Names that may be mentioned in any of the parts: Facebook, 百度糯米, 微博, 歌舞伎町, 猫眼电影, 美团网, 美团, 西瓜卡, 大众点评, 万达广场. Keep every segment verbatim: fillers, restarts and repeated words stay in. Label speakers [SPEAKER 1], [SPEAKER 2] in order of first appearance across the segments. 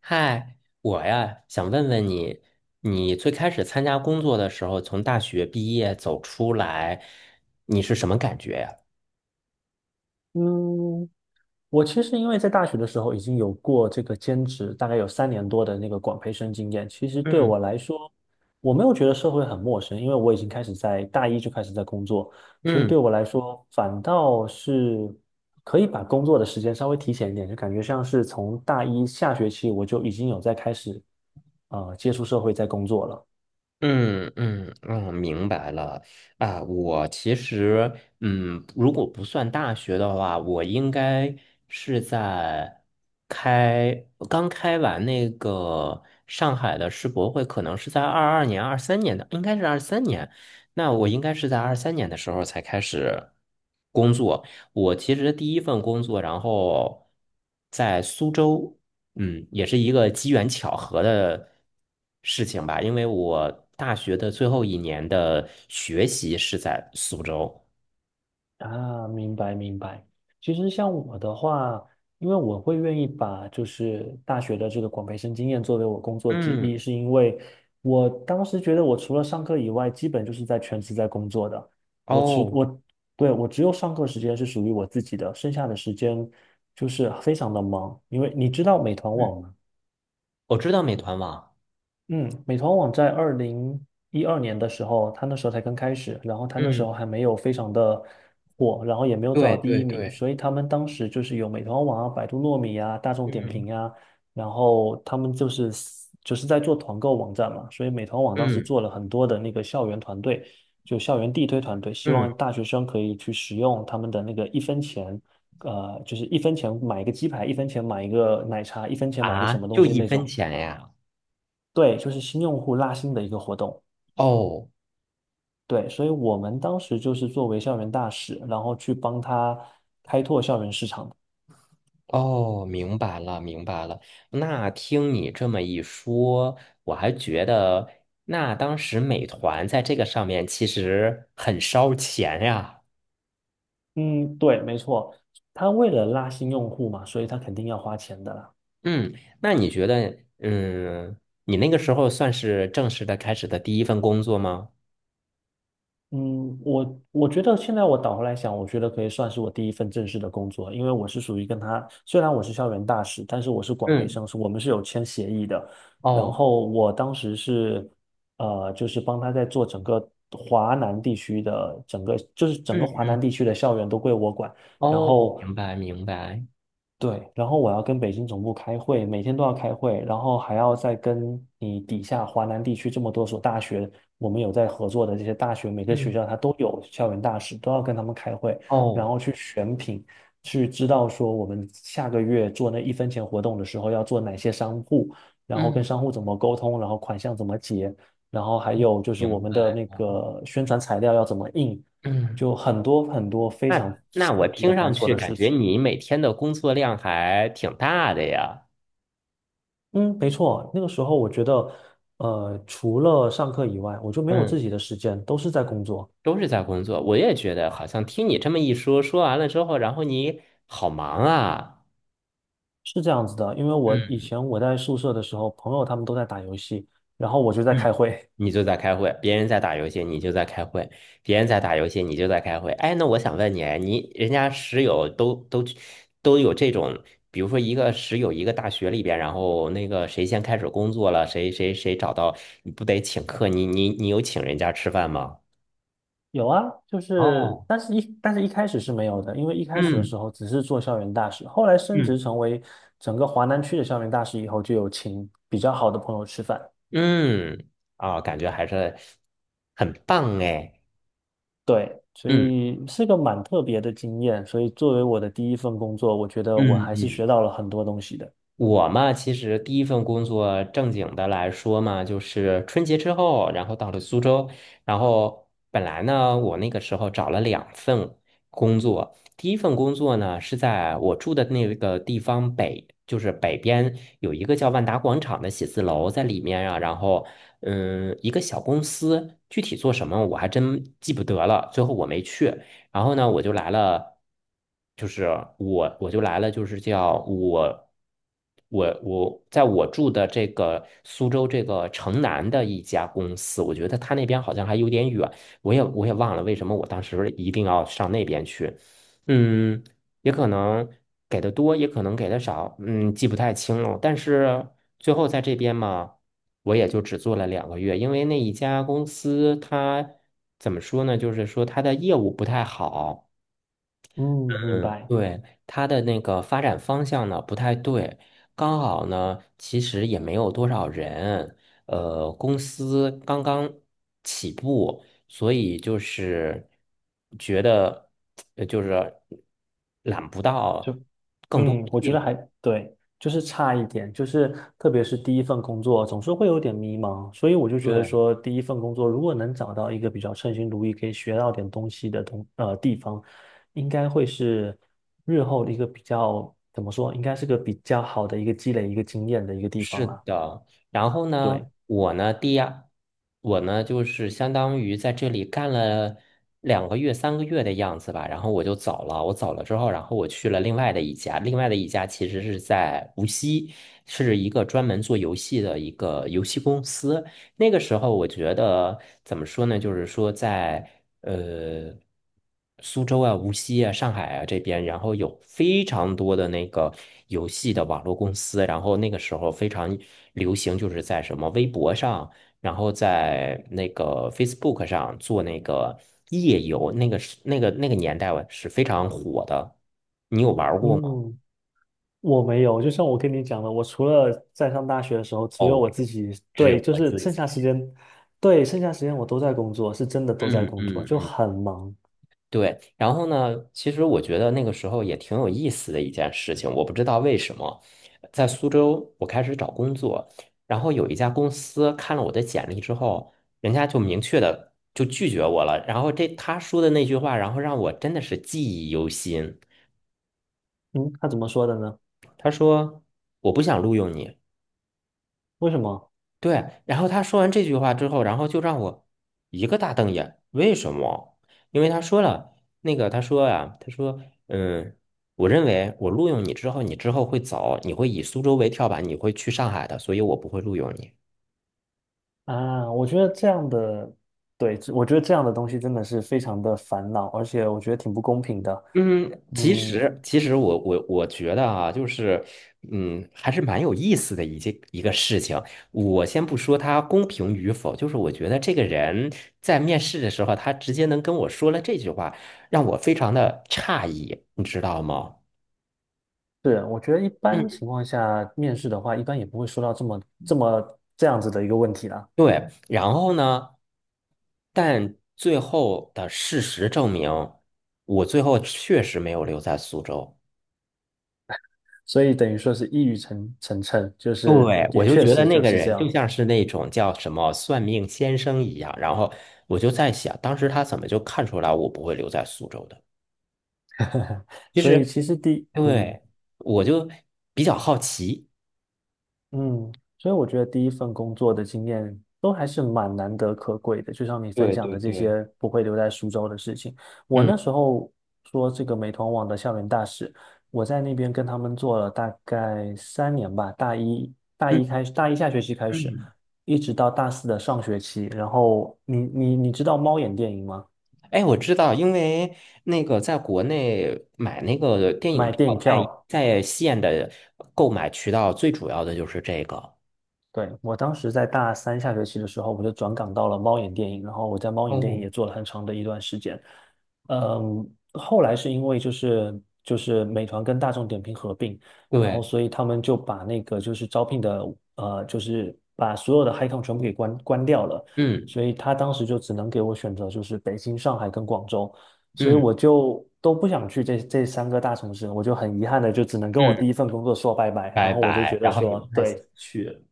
[SPEAKER 1] 嗨，我呀，想问问你，你最开始参加工作的时候，从大学毕业走出来，你是什么感觉呀？
[SPEAKER 2] 嗯，我其实因为在大学的时候已经有过这个兼职，大概有三年多的那个广培生经验。其实对
[SPEAKER 1] 嗯
[SPEAKER 2] 我来说，我没有觉得社会很陌生，因为我已经开始在大一就开始在工作，所以对
[SPEAKER 1] 嗯
[SPEAKER 2] 我来说反倒是可以把工作的时间稍微提前一点，就感觉像是从大一下学期我就已经有在开始呃接触社会在工作了。
[SPEAKER 1] 嗯嗯嗯，明白了啊。我其实，嗯，如果不算大学的话，我应该是在开刚开完那个上海的世博会，可能是在二二年、二三年的，应该是二三年。那我应该是在二三年的时候才开始工作。我其实第一份工作，然后在苏州。嗯，也是一个机缘巧合的事情吧，因为我大学的最后一年的学习是在苏州。
[SPEAKER 2] 啊，明白明白。其实像我的话，因为我会愿意把就是大学的这个广培生经验作为我工作之一，
[SPEAKER 1] 嗯。
[SPEAKER 2] 是因为我当时觉得我除了上课以外，基本就是在全职在工作的。我只
[SPEAKER 1] 哦。
[SPEAKER 2] 我对，我只有上课时间是属于我自己的，剩下的时间就是非常的忙。因为你知道美团
[SPEAKER 1] 嗯，
[SPEAKER 2] 网吗？
[SPEAKER 1] 我知道美团网。
[SPEAKER 2] 嗯，美团网在二零一二年的时候，它那时候才刚开始，然后它那时
[SPEAKER 1] 嗯，
[SPEAKER 2] 候还没有非常的火，然后也没有做
[SPEAKER 1] 对
[SPEAKER 2] 到第
[SPEAKER 1] 对
[SPEAKER 2] 一名，
[SPEAKER 1] 对。
[SPEAKER 2] 所以他们当时就是有美团网啊、百度糯米啊、大众点
[SPEAKER 1] 嗯
[SPEAKER 2] 评啊，然后他们就是就是在做团购网站嘛，所以美团网当时
[SPEAKER 1] 嗯
[SPEAKER 2] 做了很多的那个校园团队，就校园地推团队，希
[SPEAKER 1] 嗯。
[SPEAKER 2] 望大学生可以去使用他们的那个一分钱。呃，就是一分钱买一个鸡排，一分钱买一个奶茶，一分钱买一个
[SPEAKER 1] 啊，
[SPEAKER 2] 什么东
[SPEAKER 1] 就
[SPEAKER 2] 西
[SPEAKER 1] 一
[SPEAKER 2] 那
[SPEAKER 1] 分
[SPEAKER 2] 种。
[SPEAKER 1] 钱呀。
[SPEAKER 2] 对，就是新用户拉新的一个活动。
[SPEAKER 1] 哦
[SPEAKER 2] 对，所以我们当时就是作为校园大使，然后去帮他开拓校园市场。
[SPEAKER 1] 哦，明白了明白了。那听你这么一说，我还觉得那当时美团在这个上面其实很烧钱呀。
[SPEAKER 2] 嗯，对，没错，他为了拉新用户嘛，所以他肯定要花钱的啦。
[SPEAKER 1] 嗯，那你觉得，嗯，你那个时候算是正式的开始的第一份工作吗？
[SPEAKER 2] 嗯，我我觉得现在我倒回来想，我觉得可以算是我第一份正式的工作，因为我是属于跟他，虽然我是校园大使，但是我是管培
[SPEAKER 1] 嗯，
[SPEAKER 2] 生，是我们是有签协议的。然
[SPEAKER 1] 哦，
[SPEAKER 2] 后我当时是，呃，就是帮他在做整个华南地区的整个，就是整
[SPEAKER 1] 嗯
[SPEAKER 2] 个华
[SPEAKER 1] 嗯，
[SPEAKER 2] 南地区的校园都归我管。然
[SPEAKER 1] 哦，
[SPEAKER 2] 后，
[SPEAKER 1] 明白明白，
[SPEAKER 2] 对，然后我要跟北京总部开会，每天都要开会，然后还要再跟你底下华南地区这么多所大学，我们有在合作的这些大学，每个学
[SPEAKER 1] 嗯，
[SPEAKER 2] 校它都有校园大使，都要跟他们开会，然
[SPEAKER 1] 哦，
[SPEAKER 2] 后去选品，去知道说我们下个月做那一分钱活动的时候要做哪些商户，然后跟
[SPEAKER 1] 嗯，
[SPEAKER 2] 商户怎么沟通，然后款项怎么结，然后还有就是我
[SPEAKER 1] 明
[SPEAKER 2] 们的
[SPEAKER 1] 白
[SPEAKER 2] 那
[SPEAKER 1] 了，
[SPEAKER 2] 个宣传材料要怎么印，
[SPEAKER 1] 嗯，
[SPEAKER 2] 就很多很多非常
[SPEAKER 1] 那那
[SPEAKER 2] 细
[SPEAKER 1] 我
[SPEAKER 2] 节
[SPEAKER 1] 听
[SPEAKER 2] 繁
[SPEAKER 1] 上
[SPEAKER 2] 琐
[SPEAKER 1] 去
[SPEAKER 2] 的
[SPEAKER 1] 感
[SPEAKER 2] 事
[SPEAKER 1] 觉
[SPEAKER 2] 情。
[SPEAKER 1] 你每天的工作量还挺大的呀。
[SPEAKER 2] 嗯，没错，那个时候我觉得，呃，除了上课以外，我就没有
[SPEAKER 1] 嗯，
[SPEAKER 2] 自己的时间，都是在工作，
[SPEAKER 1] 都是在工作，我也觉得好像听你这么一说，说完了之后，然后你好忙啊。
[SPEAKER 2] 是这样子的。因为我以
[SPEAKER 1] 嗯
[SPEAKER 2] 前我在宿舍的时候，朋友他们都在打游戏，然后我就在
[SPEAKER 1] 嗯，
[SPEAKER 2] 开会。
[SPEAKER 1] 你 就在开会，别人在打游戏，你就在开会；别人在打游戏，你就在开会。哎，那我想问你，哎你人家室友都都都有这种，比如说一个室友一个大学里边，然后那个谁先开始工作了，谁谁谁找到，你不得请客？你你你有请人家吃饭吗？
[SPEAKER 2] 有啊，就是，
[SPEAKER 1] 哦，
[SPEAKER 2] 但是一但是一开始是没有的，因为一开始的
[SPEAKER 1] 嗯
[SPEAKER 2] 时候只是做校园大使，后来升职
[SPEAKER 1] 嗯
[SPEAKER 2] 成为整个华南区的校园大使以后，就有请比较好的朋友吃饭。
[SPEAKER 1] 嗯，啊，感觉还是很棒哎。
[SPEAKER 2] 对，所
[SPEAKER 1] 嗯
[SPEAKER 2] 以是个蛮特别的经验，所以作为我的第一份工作，我觉得我
[SPEAKER 1] 嗯
[SPEAKER 2] 还是
[SPEAKER 1] 嗯。
[SPEAKER 2] 学到了很多东西的。
[SPEAKER 1] 我嘛，其实第一份工作正经的来说嘛，就是春节之后，然后到了苏州，然后本来呢，我那个时候找了两份工作，第一份工作呢是在我住的那个地方北，就是北边有一个叫万达广场的写字楼，在里面啊。然后嗯，一个小公司，具体做什么我还真记不得了，最后我没去。然后呢，我就来了，就是我我就来了，就是叫我我我在我住的这个苏州这个城南的一家公司，我觉得他那边好像还有点远，我也我也忘了为什么我当时一定要上那边去。嗯，也可能给的多，也可能给的少，嗯，记不太清了，但是最后在这边嘛。我也就只做了两个月，因为那一家公司它怎么说呢，就是说它的业务不太好。
[SPEAKER 2] 嗯，明
[SPEAKER 1] 嗯，
[SPEAKER 2] 白。
[SPEAKER 1] 对，它的那个发展方向呢不太对，刚好呢其实也没有多少人，呃，公司刚刚起步，所以就是觉得呃就是揽不
[SPEAKER 2] 就
[SPEAKER 1] 到更多
[SPEAKER 2] 嗯，
[SPEAKER 1] 的
[SPEAKER 2] 我觉
[SPEAKER 1] 业
[SPEAKER 2] 得
[SPEAKER 1] 务。
[SPEAKER 2] 还对，就是差一点，就是特别是第一份工作，总是会有点迷茫，所以我就觉得
[SPEAKER 1] 对
[SPEAKER 2] 说，第一份工作如果能找到一个比较称心如意，可以学到点东西的东呃地方，应该会是日后的一个比较怎么说，应该是个比较好的一个积累一个经验的一个地方
[SPEAKER 1] 是
[SPEAKER 2] 啦。
[SPEAKER 1] 的，然后呢，
[SPEAKER 2] 对，
[SPEAKER 1] 我呢，第二，我呢就是相当于在这里干了两个月、三个月的样子吧，然后我就走了。我走了之后，然后我去了另外的一家，另外的一家其实是在无锡，是一个专门做游戏的一个游戏公司。那个时候我觉得怎么说呢？就是说在呃苏州啊、无锡啊、上海啊这边，然后有非常多的那个游戏的网络公司，然后那个时候非常流行，就是在什么微博上，然后在那个 Facebook 上做那个夜游，那个是那个那个年代啊是非常火的。你有玩儿过吗？
[SPEAKER 2] 嗯。我没有，就像我跟你讲的，我除了在上大学的时候，只有
[SPEAKER 1] 哦，
[SPEAKER 2] 我自己，
[SPEAKER 1] 只
[SPEAKER 2] 对，
[SPEAKER 1] 有
[SPEAKER 2] 就
[SPEAKER 1] 我
[SPEAKER 2] 是
[SPEAKER 1] 自
[SPEAKER 2] 剩
[SPEAKER 1] 己。
[SPEAKER 2] 下时间，对，剩下时间我都在工作，是真的都在
[SPEAKER 1] 嗯
[SPEAKER 2] 工作，
[SPEAKER 1] 嗯
[SPEAKER 2] 就
[SPEAKER 1] 嗯。
[SPEAKER 2] 很忙。
[SPEAKER 1] 对，然后呢，其实我觉得那个时候也挺有意思的一件事情，我不知道为什么，在苏州我开始找工作，然后有一家公司看了我的简历之后，人家就明确的就拒绝我了，然后这他说的那句话，然后让我真的是记忆犹新，
[SPEAKER 2] 嗯，他怎么说的呢？
[SPEAKER 1] 他说我不想录用你。
[SPEAKER 2] 为什么
[SPEAKER 1] 对，然后他说完这句话之后，然后就让我一个大瞪眼。为什么？因为他说了那个，他说呀、他说，嗯，我认为我录用你之后，你之后会走，你会以苏州为跳板，你会去上海的，所以我不会录用你。
[SPEAKER 2] 啊？我觉得这样的，对，我觉得这样的东西真的是非常的烦恼，而且我觉得挺不公平的。
[SPEAKER 1] 嗯，其
[SPEAKER 2] 嗯，
[SPEAKER 1] 实其实我我我觉得啊，就是嗯，还是蛮有意思的一件一个事情。我先不说他公平与否，就是我觉得这个人在面试的时候，他直接能跟我说了这句话，让我非常的诧异，你知道吗？
[SPEAKER 2] 是，我觉得一般
[SPEAKER 1] 嗯，
[SPEAKER 2] 情况下面试的话，一般也不会说到这么这么这样子的一个问题啦。
[SPEAKER 1] 对。然后呢，但最后的事实证明，我最后确实没有留在苏州。
[SPEAKER 2] 所以等于说是一语成成谶，就是
[SPEAKER 1] 对，
[SPEAKER 2] 也
[SPEAKER 1] 我就
[SPEAKER 2] 确
[SPEAKER 1] 觉得
[SPEAKER 2] 实
[SPEAKER 1] 那
[SPEAKER 2] 就
[SPEAKER 1] 个
[SPEAKER 2] 是这
[SPEAKER 1] 人就
[SPEAKER 2] 样。
[SPEAKER 1] 像是那种叫什么算命先生一样，然后我就在想，当时他怎么就看出来我不会留在苏州的？其
[SPEAKER 2] 所以
[SPEAKER 1] 实，
[SPEAKER 2] 其实第，嗯
[SPEAKER 1] 对，我就比较好奇。
[SPEAKER 2] 嗯，所以我觉得第一份工作的经验都还是蛮难得可贵的。就像你分
[SPEAKER 1] 对
[SPEAKER 2] 享
[SPEAKER 1] 对
[SPEAKER 2] 的这
[SPEAKER 1] 对，
[SPEAKER 2] 些不会留在苏州的事情，我
[SPEAKER 1] 嗯
[SPEAKER 2] 那时候说这个美团网的校园大使，我在那边跟他们做了大概三年吧，大一大
[SPEAKER 1] 嗯
[SPEAKER 2] 一开始，大一下学期开始，
[SPEAKER 1] 嗯，
[SPEAKER 2] 一直到大四的上学期。然后你你你知道猫眼电影吗？
[SPEAKER 1] 哎，我知道，因为那个在国内买那个电影
[SPEAKER 2] 买
[SPEAKER 1] 票
[SPEAKER 2] 电影
[SPEAKER 1] 在
[SPEAKER 2] 票。
[SPEAKER 1] 在线的购买渠道，最主要的就是这个。
[SPEAKER 2] 对，我当时在大三下学期的时候，我就转岗到了猫眼电影，然后我在猫眼电影
[SPEAKER 1] 哦，
[SPEAKER 2] 也做了很长的一段时间。嗯，后来是因为就是就是美团跟大众点评合并，然后
[SPEAKER 1] 对，
[SPEAKER 2] 所以他们就把那个就是招聘的呃，就是把所有的 HiCom 全部给关关掉了，
[SPEAKER 1] 嗯
[SPEAKER 2] 所以他当时就只能给我选择就是北京、上海跟广州，所以
[SPEAKER 1] 嗯
[SPEAKER 2] 我就都不想去这这三个大城市，我就很遗憾的就只能跟我
[SPEAKER 1] 嗯，
[SPEAKER 2] 第一份工作说拜拜，然
[SPEAKER 1] 拜
[SPEAKER 2] 后我就觉
[SPEAKER 1] 拜，
[SPEAKER 2] 得
[SPEAKER 1] 然后你
[SPEAKER 2] 说，
[SPEAKER 1] 们太想
[SPEAKER 2] 对，
[SPEAKER 1] 去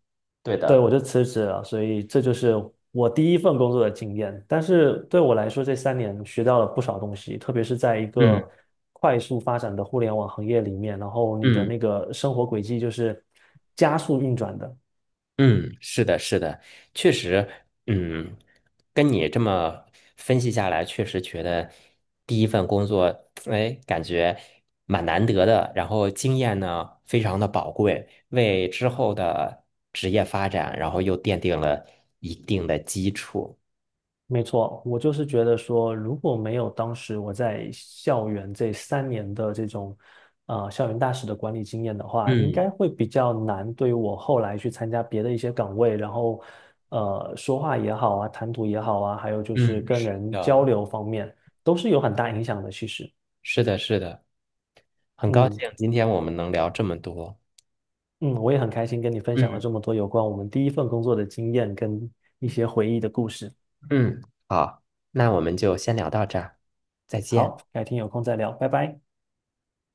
[SPEAKER 1] 对
[SPEAKER 2] 对，我
[SPEAKER 1] 的。
[SPEAKER 2] 就辞职了，所以这就是我第一份工作的经验。但是对我来说，这三年学到了不少东西，特别是在一个
[SPEAKER 1] 嗯
[SPEAKER 2] 快速发展的互联网行业里面，然后你的
[SPEAKER 1] 嗯
[SPEAKER 2] 那个生活轨迹就是加速运转的。
[SPEAKER 1] 嗯，是的，是的，确实，嗯，跟你这么分析下来，确实觉得第一份工作，哎，感觉蛮难得的，然后经验呢非常的宝贵，为之后的职业发展，然后又奠定了一定的基础。
[SPEAKER 2] 没错，我就是觉得说，如果没有当时我在校园这三年的这种，呃，校园大使的管理经验的话，应
[SPEAKER 1] 嗯
[SPEAKER 2] 该会比较难对于我后来去参加别的一些岗位，然后，呃，说话也好啊，谈吐也好啊，还有就
[SPEAKER 1] 嗯，
[SPEAKER 2] 是跟
[SPEAKER 1] 是
[SPEAKER 2] 人交
[SPEAKER 1] 的，
[SPEAKER 2] 流方面，都是有很大影响的。其实，
[SPEAKER 1] 是的，是的，很高
[SPEAKER 2] 嗯
[SPEAKER 1] 兴今天我们能聊这么多。
[SPEAKER 2] 嗯，我也很开心跟你分享了
[SPEAKER 1] 嗯
[SPEAKER 2] 这么多有关我们第一份工作的经验跟一些回忆的故事。
[SPEAKER 1] 嗯，好，那我们就先聊到这儿，再见。
[SPEAKER 2] 好，改天有空再聊，拜拜。